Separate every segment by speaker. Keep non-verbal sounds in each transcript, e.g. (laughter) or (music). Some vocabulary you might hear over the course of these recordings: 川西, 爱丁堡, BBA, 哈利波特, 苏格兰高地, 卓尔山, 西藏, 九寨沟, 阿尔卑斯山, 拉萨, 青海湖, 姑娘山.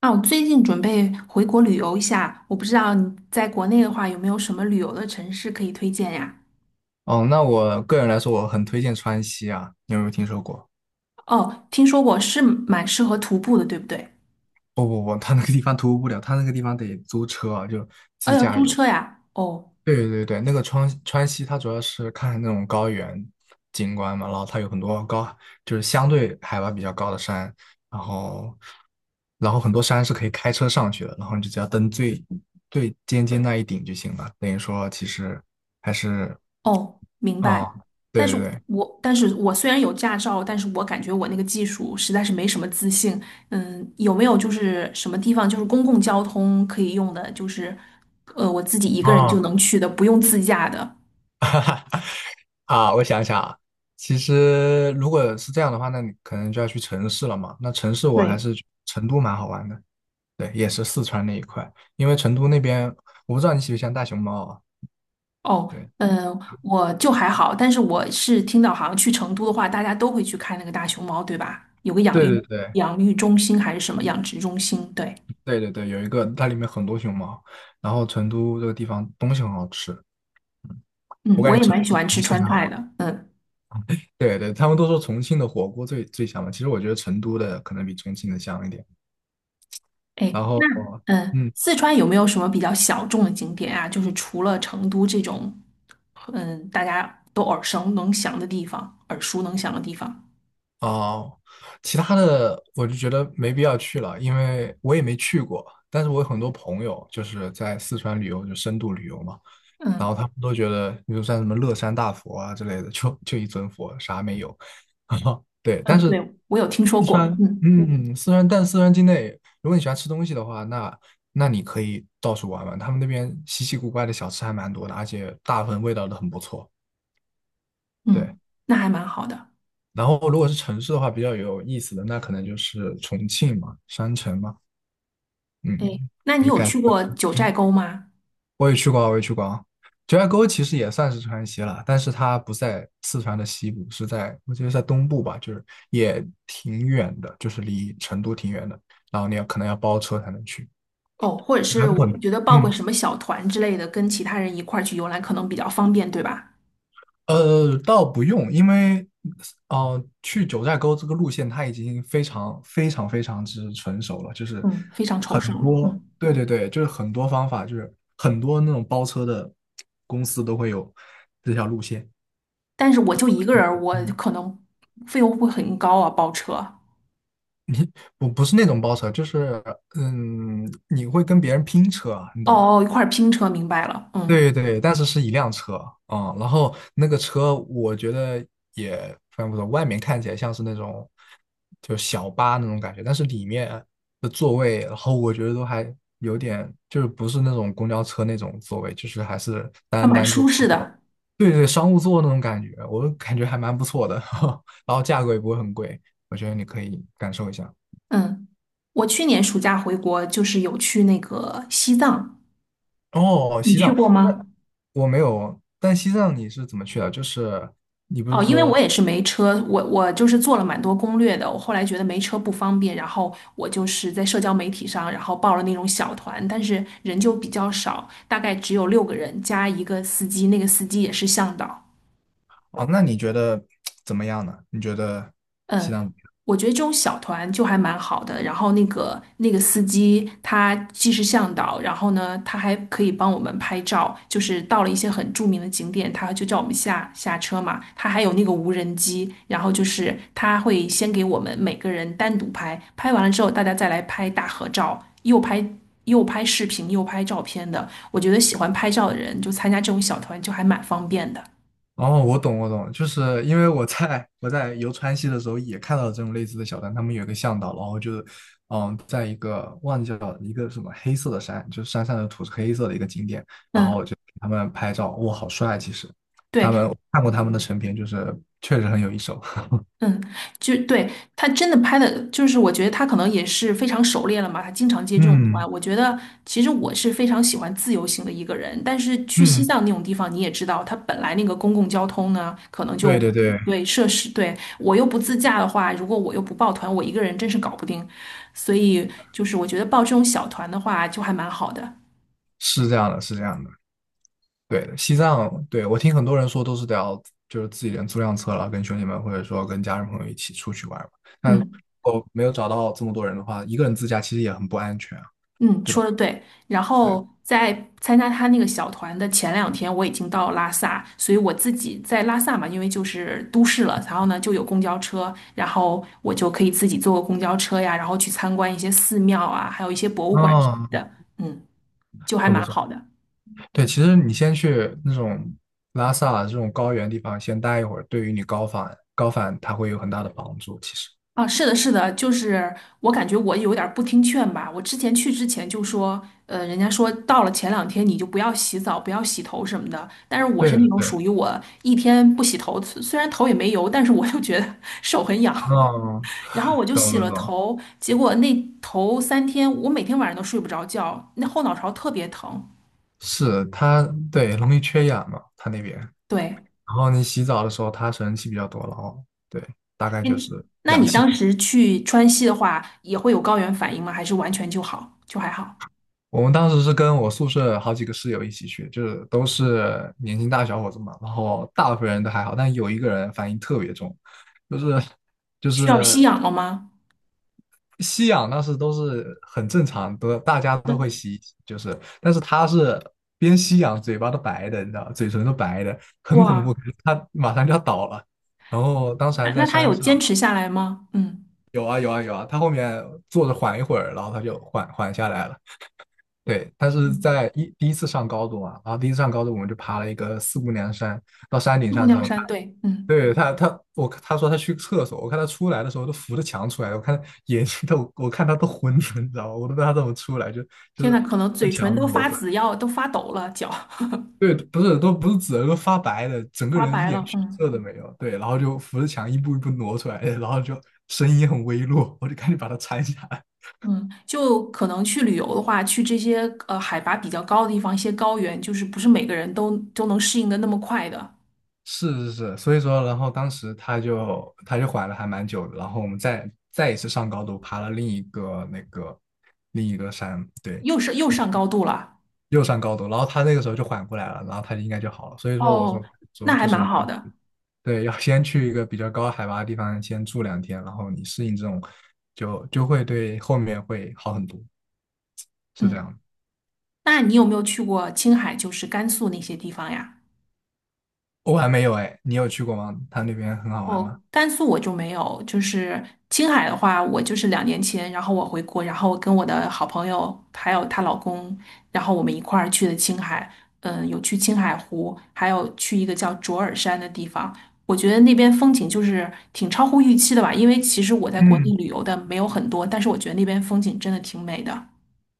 Speaker 1: 啊，我最近准备回国旅游一下，我不知道你在国内的话有没有什么旅游的城市可以推荐呀？
Speaker 2: 哦，那我个人来说，我很推荐川西啊，你有没有听说过？
Speaker 1: 哦，听说过是蛮适合徒步的，对不对？
Speaker 2: 不不不，他那个地方徒步不了，他那个地方得租车啊，就
Speaker 1: 哦，
Speaker 2: 自
Speaker 1: 要
Speaker 2: 驾
Speaker 1: 租
Speaker 2: 游。
Speaker 1: 车呀？哦
Speaker 2: 对对对，那个川西，它主要是看那种高原景观嘛，然后它有很多高，就是相对海拔比较高的山，然后然后很多山是可以开车上去的，然后你就只要登最最尖尖那一顶就行了。等于说，其实还是
Speaker 1: 哦，明白。
Speaker 2: 啊、对
Speaker 1: 但是
Speaker 2: 对对，
Speaker 1: 但是我虽然有驾照，但是我感觉我那个技术实在是没什么自信。嗯，有没有就是什么地方就是公共交通可以用的，就是我自己一个人就
Speaker 2: 啊、
Speaker 1: 能去的，不用自驾的？
Speaker 2: 啊，我想想啊，其实如果是这样的话，那你可能就要去城市了嘛。那城市我还
Speaker 1: 对。
Speaker 2: 是成都蛮好玩的，对，也是四川那一块，因为成都那边我不知道你喜不喜欢大熊猫啊。
Speaker 1: 哦，
Speaker 2: 对，
Speaker 1: 嗯，我就还好，但是我是听到好像去成都的话，大家都会去看那个大熊猫，对吧？有个养
Speaker 2: 对
Speaker 1: 育
Speaker 2: 对对
Speaker 1: 养育中心还是什么养殖中心？对，
Speaker 2: 对对对，有一个它里面很多熊猫，然后成都这个地方东西很好吃，
Speaker 1: 嗯，
Speaker 2: 我感
Speaker 1: 我
Speaker 2: 觉
Speaker 1: 也
Speaker 2: 成
Speaker 1: 蛮喜
Speaker 2: 都比
Speaker 1: 欢吃
Speaker 2: 重庆
Speaker 1: 川
Speaker 2: 还好。
Speaker 1: 菜的，嗯，
Speaker 2: 对对，他们都说重庆的火锅最最香嘛，其实我觉得成都的可能比重庆的香一点。
Speaker 1: 哎，
Speaker 2: 然
Speaker 1: 那
Speaker 2: 后，
Speaker 1: 嗯，
Speaker 2: 嗯，
Speaker 1: 四川有没有什么比较小众的景点啊？就是除了成都这种，嗯，大家都耳熟能详的地方，
Speaker 2: 哦，其他的我就觉得没必要去了，因为我也没去过。但是我有很多朋友就是在四川旅游，就深度旅游嘛，然后
Speaker 1: 嗯
Speaker 2: 他们都觉得，比如像什么乐山大佛啊之类的，就一尊佛，啥没有。(laughs) 对，但
Speaker 1: 嗯，
Speaker 2: 是
Speaker 1: 对，我有听说
Speaker 2: 四川，
Speaker 1: 过，嗯
Speaker 2: 嗯，四川，但四川境内，如果你喜欢吃东西的话，那你可以到处玩玩，他们那边稀奇古怪的小吃还蛮多的，而且大部分味道都很不错。对。
Speaker 1: 嗯，那还蛮好的。
Speaker 2: 然后如果是城市的话，比较有意思的那可能就是重庆嘛，山城嘛，
Speaker 1: 哎，
Speaker 2: 嗯，
Speaker 1: 那你
Speaker 2: 没
Speaker 1: 有
Speaker 2: 感
Speaker 1: 去
Speaker 2: 觉。
Speaker 1: 过九寨沟吗？
Speaker 2: 我也去过啊，我也去过啊。九寨沟其实也算是川西了，但是它不在四川的西部，是在我觉得在东部吧，就是也挺远的，就是离成都挺远的，然后你要可能要包车才能去。
Speaker 1: 哦，或者
Speaker 2: 还
Speaker 1: 是
Speaker 2: 过
Speaker 1: 我
Speaker 2: 呢，
Speaker 1: 觉得报个
Speaker 2: 嗯，
Speaker 1: 什么小团之类的，跟其他人一块儿去游览可能比较方便，对吧？
Speaker 2: 倒不用，因为去九寨沟这个路线它已经非常非常非常之成熟了，就是
Speaker 1: 嗯，非常抽象了。嗯，
Speaker 2: 对对对，就是很多方法，就是很多那种包车的公司都会有这条路线。
Speaker 1: 但是我就一个人儿我
Speaker 2: 嗯，
Speaker 1: 可能费用会很高啊，包车。哦
Speaker 2: 不是那种包车，就是你会跟别人拼车啊，你懂吧？
Speaker 1: 哦，一块儿拼车，明白了。嗯，
Speaker 2: 对对，但是是一辆车啊、然后那个车我觉得也非常不错，外面看起来像是那种就小巴那种感觉，但是里面的座位，然后我觉得都还有点就是不是那种公交车那种座位，就是还是
Speaker 1: 啊，
Speaker 2: 单
Speaker 1: 蛮
Speaker 2: 单座，
Speaker 1: 舒适的。
Speaker 2: 对对，商务座那种感觉，我感觉还蛮不错的，(laughs) 然后价格也不会很贵，我觉得你可以感受一下。
Speaker 1: 嗯，我去年暑假回国就是有去那个西藏，
Speaker 2: 哦，
Speaker 1: 你
Speaker 2: 西
Speaker 1: 去
Speaker 2: 藏，
Speaker 1: 过
Speaker 2: 那
Speaker 1: 吗？
Speaker 2: 我没有，但西藏你是怎么去的？就是你不是
Speaker 1: 哦，因为
Speaker 2: 说
Speaker 1: 我也是没车，我就是做了蛮多攻略的。我后来觉得没车不方便，然后我就是在社交媒体上，然后报了那种小团，但是人就比较少，大概只有六个人加一个司机，那个司机也是向导。
Speaker 2: 哦，那你觉得怎么样呢？你觉得西
Speaker 1: 嗯，
Speaker 2: 藏怎么样？
Speaker 1: 我觉得这种小团就还蛮好的。然后那个司机，他既是向导，然后呢，他还可以帮我们拍照。就是到了一些很著名的景点，他就叫我们下车嘛。他还有那个无人机，然后就是他会先给我们每个人单独拍，拍完了之后大家再来拍大合照，又拍视频又拍照片的。我觉得喜欢拍照的人就参加这种小团就还蛮方便的。
Speaker 2: 哦，我懂，我懂，就是因为我在游川西的时候也看到了这种类似的小站，他们有一个向导，然后就是，嗯，在一个忘记了一个什么黑色的山，就是山上的土是黑色的一个景点，然后
Speaker 1: 嗯，
Speaker 2: 就给他们拍照，哇，好帅！其实他
Speaker 1: 对，
Speaker 2: 们我看过他们的成片，就是确实很有一手。(laughs)
Speaker 1: 嗯，就对，他真的拍的，就是我觉得他可能也是非常熟练了嘛，他经常接这种团。
Speaker 2: 嗯
Speaker 1: 我觉得其实我是非常喜欢自由行的一个人，但是去西
Speaker 2: 嗯，
Speaker 1: 藏那种地方，你也知道，它本来那个公共交通呢，可能
Speaker 2: 对
Speaker 1: 就
Speaker 2: 对对，
Speaker 1: 对设施，对，我又不自驾的话，如果我又不报团，我一个人真是搞不定。所以就是我觉得报这种小团的话，就还蛮好的。
Speaker 2: 是这样的，是这样的。对，西藏，对，我听很多人说都是得要就是自己人租辆车了，跟兄弟们或者说跟家人朋友一起出去玩嘛。那
Speaker 1: 嗯。
Speaker 2: 我没有找到这么多人的话，一个人自驾其实也很不安全啊，
Speaker 1: 嗯，
Speaker 2: 对
Speaker 1: 说
Speaker 2: 吧？
Speaker 1: 的对。然
Speaker 2: 对，
Speaker 1: 后在参加他那个小团的前两天，我已经到拉萨，所以我自己在拉萨嘛，因为就是都市了，然后呢就有公交车，然后我就可以自己坐个公交车呀，然后去参观一些寺庙啊，还有一些博物馆什么
Speaker 2: 嗯，
Speaker 1: 的，嗯，就还
Speaker 2: 很不
Speaker 1: 蛮
Speaker 2: 错。
Speaker 1: 好的。
Speaker 2: 对，其实你先去那种拉萨啊这种高原地方先待一会儿，对于你高反高反它会有很大的帮助。其实，
Speaker 1: 啊，是的，是的，就是我感觉我有点儿不听劝吧。我之前去之前就说，人家说到了前两天你就不要洗澡，不要洗头什么的。但是我
Speaker 2: 对
Speaker 1: 是那
Speaker 2: 的
Speaker 1: 种
Speaker 2: 对的，
Speaker 1: 属于我一天不洗头，虽然头也没油，但是我就觉得 (laughs) 手很痒。
Speaker 2: 嗯，
Speaker 1: 然后我就
Speaker 2: 懂
Speaker 1: 洗
Speaker 2: 懂
Speaker 1: 了
Speaker 2: 懂，
Speaker 1: 头，结果那头三天我每天晚上都睡不着觉，那后脑勺特别疼。
Speaker 2: 是它对容易缺氧嘛，它那边。然
Speaker 1: 对，
Speaker 2: 后你洗澡的时候，他水蒸气比较多了哦。对，大概就是
Speaker 1: 嗯，那
Speaker 2: 氧
Speaker 1: 你
Speaker 2: 气瓶
Speaker 1: 当时去川西的话，也会有高原反应吗？还是完全就好，就还好？
Speaker 2: 我们当时是跟我宿舍好几个室友一起去，就是都是年轻大小伙子嘛，然后大部分人都还好，但有一个人反应特别重，就是就
Speaker 1: 需要吸
Speaker 2: 是
Speaker 1: 氧了吗？
Speaker 2: 吸氧，当时都是很正常的，大家都会
Speaker 1: 那
Speaker 2: 吸，就是，但是他是边吸氧，嘴巴都白的，你知道，嘴唇都白的，很恐怖，
Speaker 1: 哇。
Speaker 2: 他马上就要倒了。然后当时还
Speaker 1: 啊
Speaker 2: 在
Speaker 1: 那他
Speaker 2: 山
Speaker 1: 有坚
Speaker 2: 上，
Speaker 1: 持下来吗？嗯
Speaker 2: 有啊有啊有啊，他后面坐着缓一会儿，然后他就缓缓下来了。对，他是
Speaker 1: 嗯，
Speaker 2: 在一第一次上高中啊，然后第一次上高中我们就爬了一个四姑娘山，到山顶
Speaker 1: 姑
Speaker 2: 上之
Speaker 1: 娘
Speaker 2: 后，他
Speaker 1: 山，对，嗯，
Speaker 2: 对他他我他说他去厕所，我看他出来的时候都扶着墙出来，我看眼睛都我看他都昏了，你知道吗？我都不知道他怎么出来，就就
Speaker 1: 天呐，
Speaker 2: 是
Speaker 1: 可能
Speaker 2: 在
Speaker 1: 嘴唇
Speaker 2: 墙
Speaker 1: 都
Speaker 2: 挪
Speaker 1: 发
Speaker 2: 出来。
Speaker 1: 紫要都发抖了，脚
Speaker 2: 对，不是都不是紫的，都发白的，整
Speaker 1: (laughs)
Speaker 2: 个
Speaker 1: 发
Speaker 2: 人一
Speaker 1: 白
Speaker 2: 点
Speaker 1: 了，
Speaker 2: 血
Speaker 1: 嗯
Speaker 2: 色都没有。对，然后就扶着墙一步一步挪出来，然后就声音很微弱，我就赶紧把他搀下来。
Speaker 1: 嗯，就可能去旅游的话，去这些海拔比较高的地方，一些高原，就是不是每个人都能适应的那么快的，
Speaker 2: 是是是，所以说，然后当时他就缓了还蛮久的，然后我们再一次上高度，爬了另一个那个另一个山，对，
Speaker 1: 又是又上高度了，
Speaker 2: 又上高度，然后他那个时候就缓过来了，然后他应该就好了。所以说，我说
Speaker 1: 哦，
Speaker 2: 说
Speaker 1: 那还
Speaker 2: 就是
Speaker 1: 蛮
Speaker 2: 你
Speaker 1: 好的，
Speaker 2: 对，要先去一个比较高海拔的地方先住两天，然后你适应这种，就会对后面会好很多，是这
Speaker 1: 嗯，
Speaker 2: 样的。
Speaker 1: 那你有没有去过青海，就是甘肃那些地方呀？
Speaker 2: 我还没有哎，你有去过吗？他那边很好玩
Speaker 1: 哦，
Speaker 2: 吗？
Speaker 1: 甘肃我就没有，就是青海的话，我就是两年前，然后我回国，然后跟我的好朋友还有她老公，然后我们一块儿去的青海，嗯，有去青海湖，还有去一个叫卓尔山的地方。我觉得那边风景就是挺超乎预期的吧，因为其实我在国内
Speaker 2: 嗯。
Speaker 1: 旅游的没有很多，但是我觉得那边风景真的挺美的。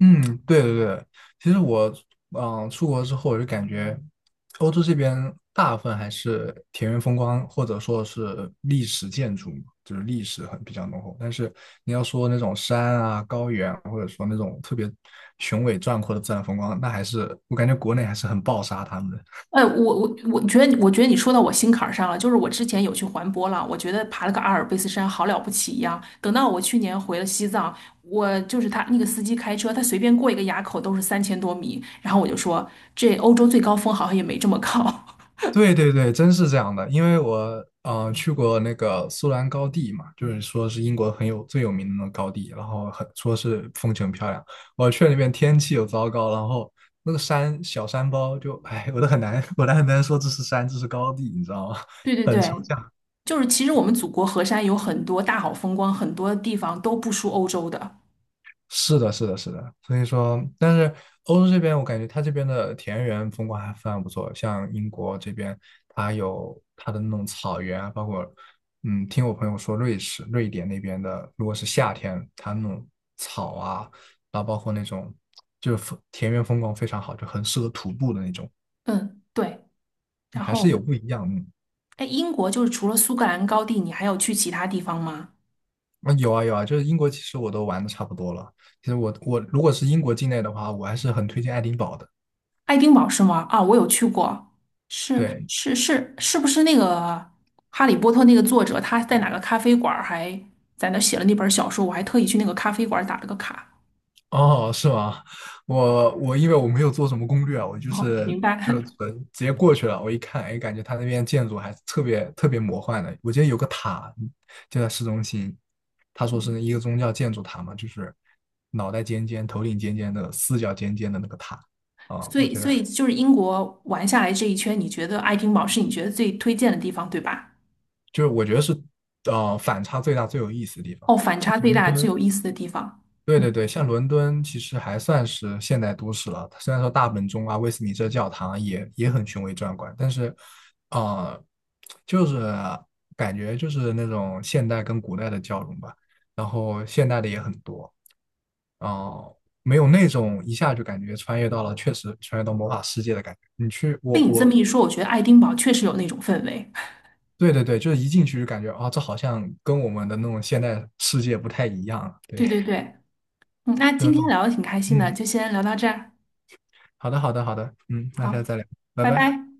Speaker 2: 嗯，对对对，其实我出国之后，我就感觉欧洲这边大部分还是田园风光，或者说是历史建筑嘛，就是历史很比较浓厚。但是你要说那种山啊、高原啊，或者说那种特别雄伟壮阔的自然风光，那还是我感觉国内还是很暴杀他们的。
Speaker 1: 我觉得你说到我心坎儿上了。就是我之前有去环波浪，我觉得爬了个阿尔卑斯山好了不起一样。等到我去年回了西藏，我就是他那个司机开车，他随便过一个垭口都是三千多米，然后我就说这欧洲最高峰好像也没这么高。
Speaker 2: 对对对，真是这样的。因为我去过那个苏兰高地嘛，就是说是英国很有最有名的那种高地，然后很说是风景很漂亮。我去了那边天气又糟糕，然后那个山小山包就哎，我都很难，(laughs) 我都很难说这是山，这是高地，你知道吗？
Speaker 1: (laughs) 对
Speaker 2: (laughs)
Speaker 1: 对
Speaker 2: 很
Speaker 1: 对，就是其实我们祖国河山有很多大好风光，很多地方都不输欧洲的。
Speaker 2: 是的，是的，是的，所以说，但是欧洲这边，我感觉它这边的田园风光还非常不错。像英国这边，它有它的那种草原啊，包括，嗯，听我朋友说，瑞士、瑞典那边的，如果是夏天，它那种草啊，然后包括那种就是田园风光非常好，就很适合徒步的那种，
Speaker 1: 嗯，对。然
Speaker 2: 还是
Speaker 1: 后，
Speaker 2: 有不一样的。
Speaker 1: 哎，英国就是除了苏格兰高地，你还有去其他地方吗？
Speaker 2: 嗯，有啊有啊，就是英国其实我都玩的差不多了。其实我如果是英国境内的话，我还是很推荐爱丁堡的。
Speaker 1: 爱丁堡是吗？啊，我有去过，是
Speaker 2: 对，
Speaker 1: 是是，是不是那个《哈利波特》那个作者，他在哪个咖啡馆儿还在那写了那本小说？我还特意去那个咖啡馆儿打了个卡。
Speaker 2: 哦，是吗？我因为我没有做什么攻略啊，我就
Speaker 1: 哦，
Speaker 2: 是
Speaker 1: 明白。
Speaker 2: 就
Speaker 1: (laughs)
Speaker 2: 纯直接过去了。我一看，哎，感觉他那边建筑还是特别特别魔幻的。我记得有个塔就在市中心，他说是一个宗教建筑塔嘛，就是脑袋尖尖、头顶尖尖的、四角尖尖的那个塔啊，
Speaker 1: 所
Speaker 2: 我
Speaker 1: 以
Speaker 2: 觉得
Speaker 1: 就是英国玩下来这一圈，你觉得爱丁堡是你觉得最推荐的地方，对吧？
Speaker 2: 就是我觉得是反差最大、最有意思的地方。
Speaker 1: 哦，反差最大、最有意思的地方。
Speaker 2: 对
Speaker 1: 嗯，
Speaker 2: 对对，像伦敦其实还算是现代都市了，虽然说大本钟啊、威斯敏斯特教堂啊也很雄伟壮观，但是，啊，就是感觉就是那种现代跟古代的交融吧，然后现代的也很多，哦、没有那种一下就感觉穿越到了，确实穿越到魔法世界的感觉。你去，
Speaker 1: 被你这么一说，我觉得爱丁堡确实有那种氛围。(laughs)
Speaker 2: 对对对，就是一进去就感觉啊、这好像跟我们的那种现代世界不太一样，对，
Speaker 1: 对对对，嗯，那
Speaker 2: (laughs) 就是
Speaker 1: 今
Speaker 2: 那
Speaker 1: 天
Speaker 2: 种
Speaker 1: 聊的挺开心的，
Speaker 2: 嗯。
Speaker 1: 就先聊到这儿。
Speaker 2: 好的，好的，好的，嗯，那下
Speaker 1: 好，
Speaker 2: 次再聊，拜
Speaker 1: 拜
Speaker 2: 拜。
Speaker 1: 拜。